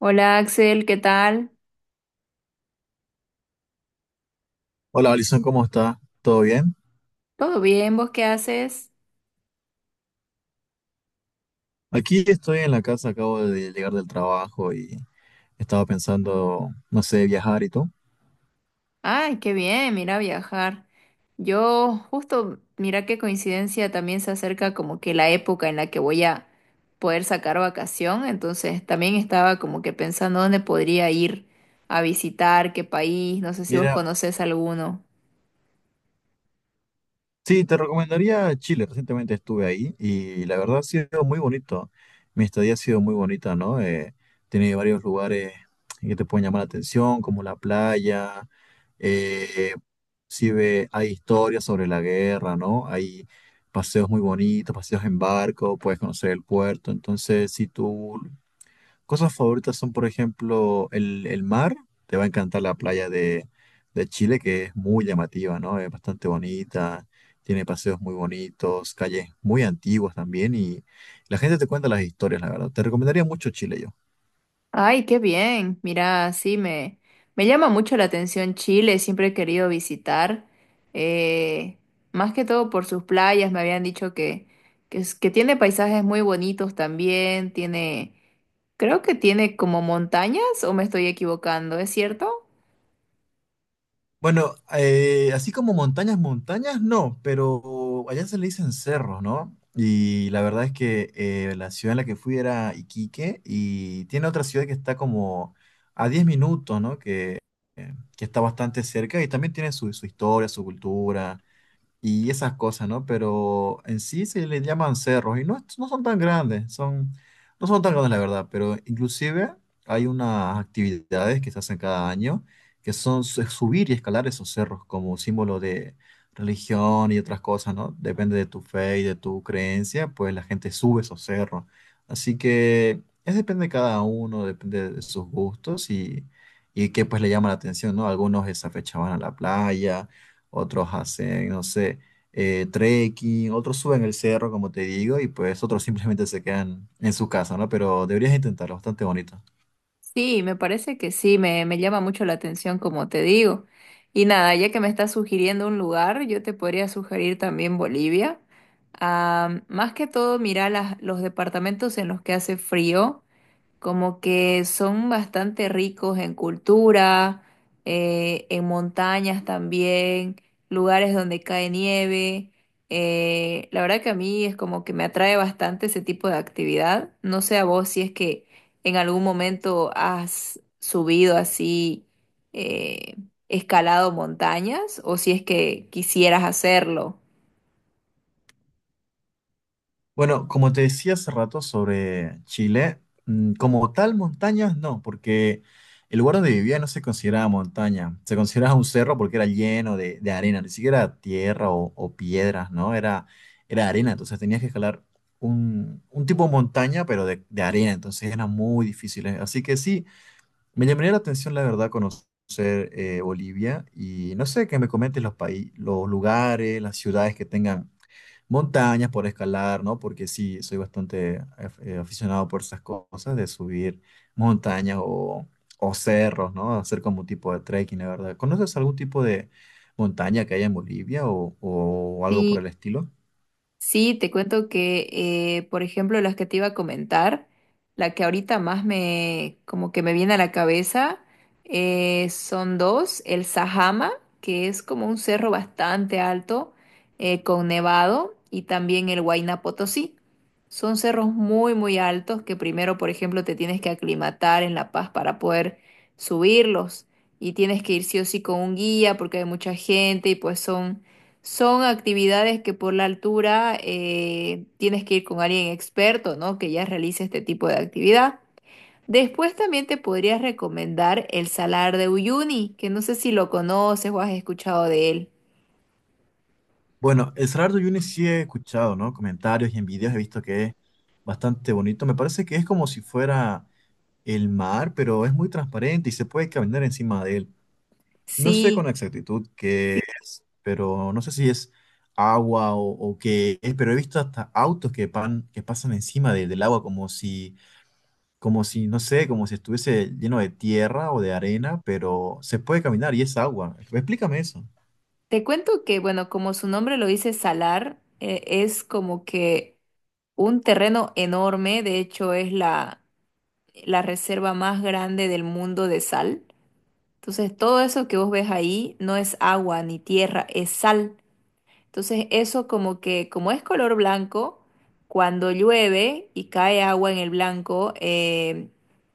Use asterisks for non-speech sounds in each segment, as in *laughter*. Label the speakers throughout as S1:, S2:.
S1: Hola Axel, ¿qué tal?
S2: Hola, Alison, ¿cómo está? ¿Todo bien?
S1: ¿Todo bien? ¿Vos qué haces?
S2: Aquí estoy en la casa, acabo de llegar del trabajo y estaba pensando, no sé, viajar y todo.
S1: Ay, qué bien, mira viajar. Yo justo, mira qué coincidencia, también se acerca como que la época en la que voy a poder sacar vacación, entonces también estaba como que pensando dónde podría ir a visitar, qué país, no sé si vos
S2: Mira,
S1: conocés alguno.
S2: sí, te recomendaría Chile. Recientemente estuve ahí y la verdad ha sido muy bonito. Mi estadía ha sido muy bonita, ¿no? Tiene varios lugares que te pueden llamar la atención, como la playa. Eh, sí ve, hay historias sobre la guerra, ¿no? Hay paseos muy bonitos, paseos en barco, puedes conocer el puerto. Entonces, si tú cosas favoritas son, por ejemplo, el mar. Te va a encantar la playa de Chile, que es muy llamativa, ¿no? Es bastante bonita, tiene paseos muy bonitos, calles muy antiguas también, y la gente te cuenta las historias, la verdad. Te recomendaría mucho Chile yo.
S1: Ay, qué bien. Mira, sí, me llama mucho la atención Chile, siempre he querido visitar, eh, más que todo por sus playas, me habían dicho que tiene paisajes muy bonitos también, tiene, creo que tiene como montañas o me estoy equivocando, ¿es cierto?
S2: Bueno, así como montañas, montañas, no, pero allá se le dicen cerros, ¿no? Y la verdad es que la ciudad en la que fui era Iquique y tiene otra ciudad que está como a 10 minutos, ¿no? Que está bastante cerca y también tiene su historia, su cultura y esas cosas, ¿no? Pero en sí se les llaman cerros y no, no son tan grandes, son, no son tan grandes la verdad, pero inclusive hay unas actividades que se hacen cada año que son subir y escalar esos cerros como símbolo de religión y otras cosas, ¿no? Depende de tu fe y de tu creencia, pues la gente sube esos cerros. Así que es depende de cada uno, depende de sus gustos y qué pues le llama la atención, ¿no? Algunos esa fecha van a la playa, otros hacen, no sé, trekking, otros suben el cerro, como te digo, y pues otros simplemente se quedan en su casa, ¿no? Pero deberías intentarlo, bastante bonito.
S1: Sí, me parece que sí, me llama mucho la atención, como te digo. Y nada, ya que me estás sugiriendo un lugar, yo te podría sugerir también Bolivia. Ah, más que todo, mira los departamentos en los que hace frío como que son bastante ricos en cultura, en montañas también, lugares donde cae nieve. La verdad que a mí es como que me atrae bastante ese tipo de actividad. No sé a vos si es que en algún momento has subido así, eh, escalado montañas o si es que quisieras hacerlo.
S2: Bueno, como te decía hace rato sobre Chile, como tal montañas no, porque el lugar donde vivía no se consideraba montaña, se consideraba un cerro porque era lleno de arena, ni siquiera tierra o piedras, ¿no? Era, era arena, entonces tenías que escalar un tipo de montaña, pero de arena, entonces era muy difícil. ¿Eh? Así que sí, me llamaría la atención, la verdad, conocer Bolivia y no sé, que me comentes los países, los lugares, las ciudades que tengan montañas por escalar, ¿no? Porque sí, soy bastante aficionado por esas cosas de subir montañas o cerros, ¿no? Hacer como un tipo de trekking, la verdad. ¿Conoces algún tipo de montaña que haya en Bolivia o algo por el estilo?
S1: Sí, te cuento que, por ejemplo, las que te iba a comentar, la que ahorita más me, como que me viene a la cabeza, son dos, el Sajama, que es como un cerro bastante alto, con nevado, y también el Huayna Potosí. Son cerros muy, muy altos que primero, por ejemplo, te tienes que aclimatar en La Paz para poder subirlos, y tienes que ir sí o sí con un guía porque hay mucha gente y pues son actividades que por la altura tienes que ir con alguien experto, ¿no? Que ya realice este tipo de actividad. Después también te podría recomendar el Salar de Uyuni, que no sé si lo conoces o has escuchado de él.
S2: Bueno, el Salar de Uyuni sí he escuchado, ¿no? Comentarios y en videos he visto que es bastante bonito. Me parece que es como si fuera el mar, pero es muy transparente y se puede caminar encima de él. No sé
S1: Sí,
S2: con exactitud qué es, pero no sé si es agua o qué es, pero he visto hasta autos que, que pasan encima del agua como si, no sé, como si estuviese lleno de tierra o de arena, pero se puede caminar y es agua. Explícame eso.
S1: te cuento que, bueno, como su nombre lo dice, salar, es como que un terreno enorme, de hecho es la reserva más grande del mundo de sal. Entonces todo eso que vos ves ahí no es agua ni tierra, es sal. Entonces eso como que, como es color blanco, cuando llueve y cae agua en el blanco,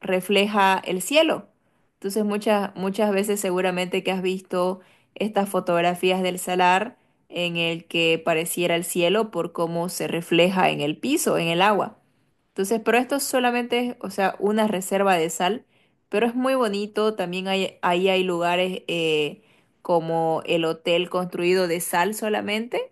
S1: refleja el cielo. Entonces muchas, muchas veces seguramente que has visto estas fotografías del salar en el que pareciera el cielo por cómo se refleja en el piso, en el agua. Entonces, pero esto solamente es, o sea, una reserva de sal, pero es muy bonito, también hay, ahí hay lugares, como el hotel construido de sal solamente.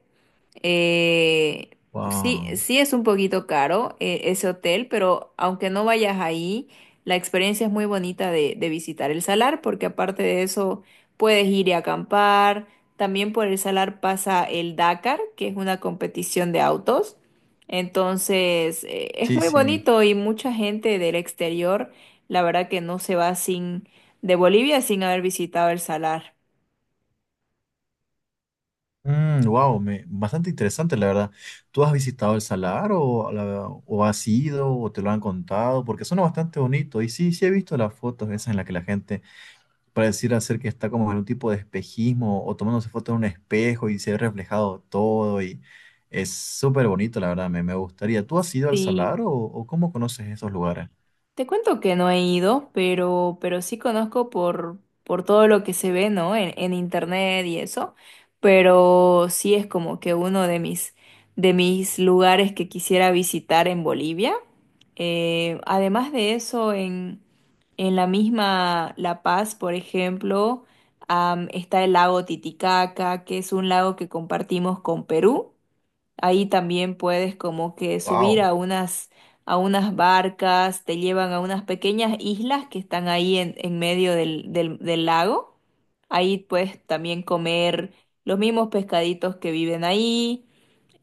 S1: Eh, sí,
S2: Wow.
S1: sí es un poquito caro ese hotel, pero aunque no vayas ahí, la experiencia es muy bonita de visitar el salar, porque aparte de eso puedes ir y acampar. También por el salar pasa el Dakar, que es una competición de autos. Entonces, es
S2: Sí,
S1: muy
S2: sí.
S1: bonito y mucha gente del exterior, la verdad que no se va sin de Bolivia sin haber visitado el salar.
S2: Wow, bastante interesante la verdad. ¿Tú has visitado el Salar o, o has ido o te lo han contado? Porque suena bastante bonito. Y sí, sí he visto las fotos esas en las que la gente pareciera ser que está como en un tipo de espejismo o tomándose fotos en un espejo y se ve reflejado todo y es súper bonito la verdad, me gustaría. ¿Tú has ido al
S1: Sí,
S2: Salar o cómo conoces esos lugares?
S1: te cuento que no he ido, pero sí conozco por todo lo que se ve, ¿no? En internet y eso. Pero sí es como que uno de mis lugares que quisiera visitar en Bolivia. Además de eso, en la misma La Paz, por ejemplo, está el lago Titicaca, que es un lago que compartimos con Perú. Ahí también puedes como que subir
S2: Wow.
S1: a a unas barcas, te llevan a unas pequeñas islas que están ahí en medio del lago. Ahí puedes también comer los mismos pescaditos que viven ahí.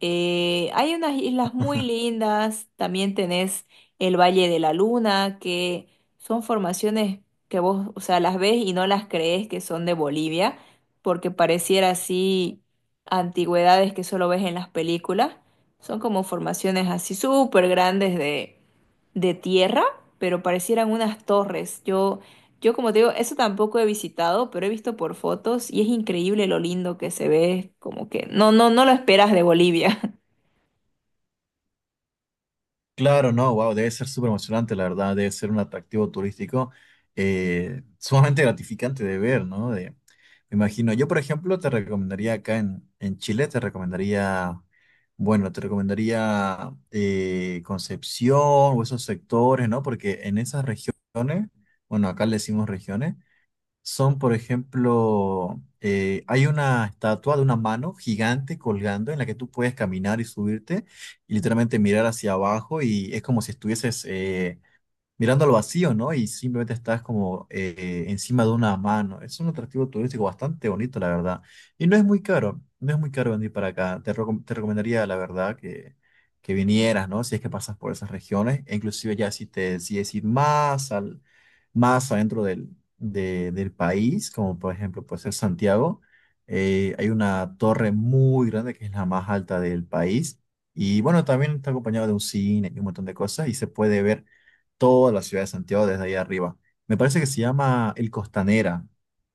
S1: Hay unas islas muy lindas, también tenés el Valle de la Luna, que son formaciones que vos, o sea, las ves y no las crees que son de Bolivia, porque pareciera así antigüedades que solo ves en las películas. Son como formaciones así súper grandes de tierra, pero parecieran unas torres. Yo como te digo, eso tampoco he visitado, pero he visto por fotos y es increíble lo lindo que se ve, como que no, no, no lo esperas de Bolivia. *laughs*
S2: Claro, no, wow, debe ser súper emocionante, la verdad, debe ser un atractivo turístico sumamente gratificante de ver, ¿no? De, me imagino, yo por ejemplo te recomendaría acá en Chile, te recomendaría, bueno, te recomendaría Concepción o esos sectores, ¿no? Porque en esas regiones, bueno, acá le decimos regiones, son, por ejemplo, hay una estatua de una mano gigante colgando en la que tú puedes caminar y subirte y literalmente mirar hacia abajo y es como si estuvieses mirando al vacío, ¿no? Y simplemente estás como encima de una mano. Es un atractivo turístico bastante bonito, la verdad. Y no es muy caro, no es muy caro venir para acá. Te, te recomendaría, la verdad, que vinieras, ¿no? Si es que pasas por esas regiones, e inclusive ya si te decides ir más al, más adentro del país, como por ejemplo puede ser Santiago, hay una torre muy grande que es la más alta del país. Y bueno, también está acompañado de un cine y un montón de cosas y se puede ver toda la ciudad de Santiago desde ahí arriba. Me parece que se llama el Costanera,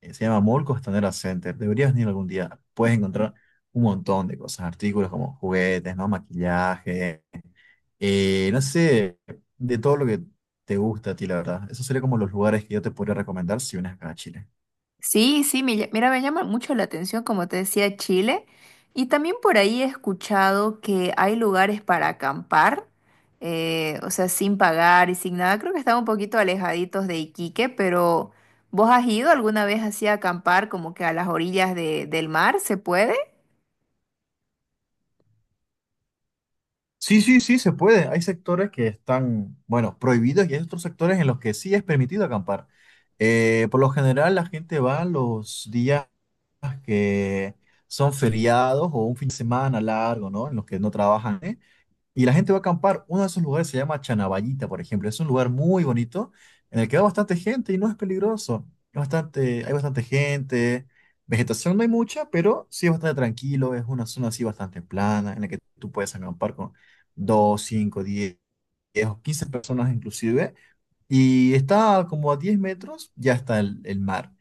S2: se llama Mall Costanera Center. Deberías venir algún día. Puedes encontrar un montón de cosas, artículos como juguetes, ¿no? Maquillaje, no sé, de todo lo que te gusta a ti, la verdad. Esos serían como los lugares que yo te podría recomendar si vienes acá a Chile.
S1: Sí, sí, mira, me llama mucho la atención, como te decía, Chile. Y también por ahí he escuchado que hay lugares para acampar, o sea, sin pagar y sin nada. Creo que están un poquito alejaditos de Iquique, pero ¿vos has ido alguna vez así a acampar, como que a las orillas de- del mar? ¿Se puede?
S2: Sí, sí, sí, se puede. Hay sectores que están, bueno, prohibidos y hay otros sectores en los que sí es permitido acampar. Por lo general, la gente va los días que son feriados o un fin de semana largo, ¿no? En los que no trabajan, ¿eh? Y la gente va a acampar. Uno de esos lugares se llama Chanaballita, por ejemplo. Es un lugar muy bonito en el que va bastante gente y no es peligroso. Es bastante, hay bastante gente. Vegetación no hay mucha, pero sí es bastante tranquilo. Es una zona así bastante plana en la que tú puedes acampar con 2, 5, 10 o 15 personas inclusive y está como a 10 metros, ya está el mar,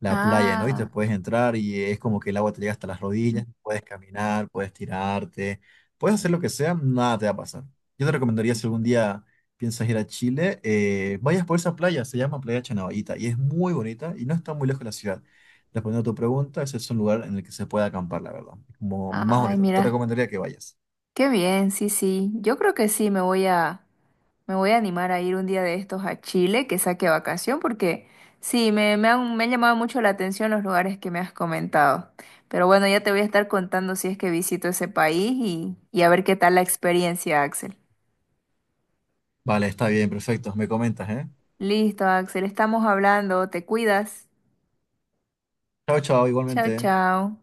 S2: la playa, ¿no? Y te
S1: Ah,
S2: puedes entrar y es como que el agua te llega hasta las rodillas, puedes caminar, puedes tirarte, puedes hacer lo que sea, nada te va a pasar. Yo te recomendaría si algún día piensas ir a Chile, vayas por esa playa, se llama Playa Chanavita y es muy bonita y no está muy lejos de la ciudad. Respondiendo a tu pregunta, ese es un lugar en el que se puede acampar, la verdad. Es como más
S1: ay,
S2: bonito. Te
S1: mira.
S2: recomendaría que vayas.
S1: Qué bien, sí, sí. Yo creo que sí, me voy a animar a ir un día de estos a Chile, que saque vacación, porque sí, me han llamado mucho la atención los lugares que me has comentado. Pero bueno, ya te voy a estar contando si es que visito ese país y a ver qué tal la experiencia, Axel.
S2: Vale, está bien, perfecto. Me comentas, ¿eh?
S1: Listo, Axel, estamos hablando, te cuidas.
S2: Chao, chao,
S1: Chao,
S2: igualmente.
S1: chao.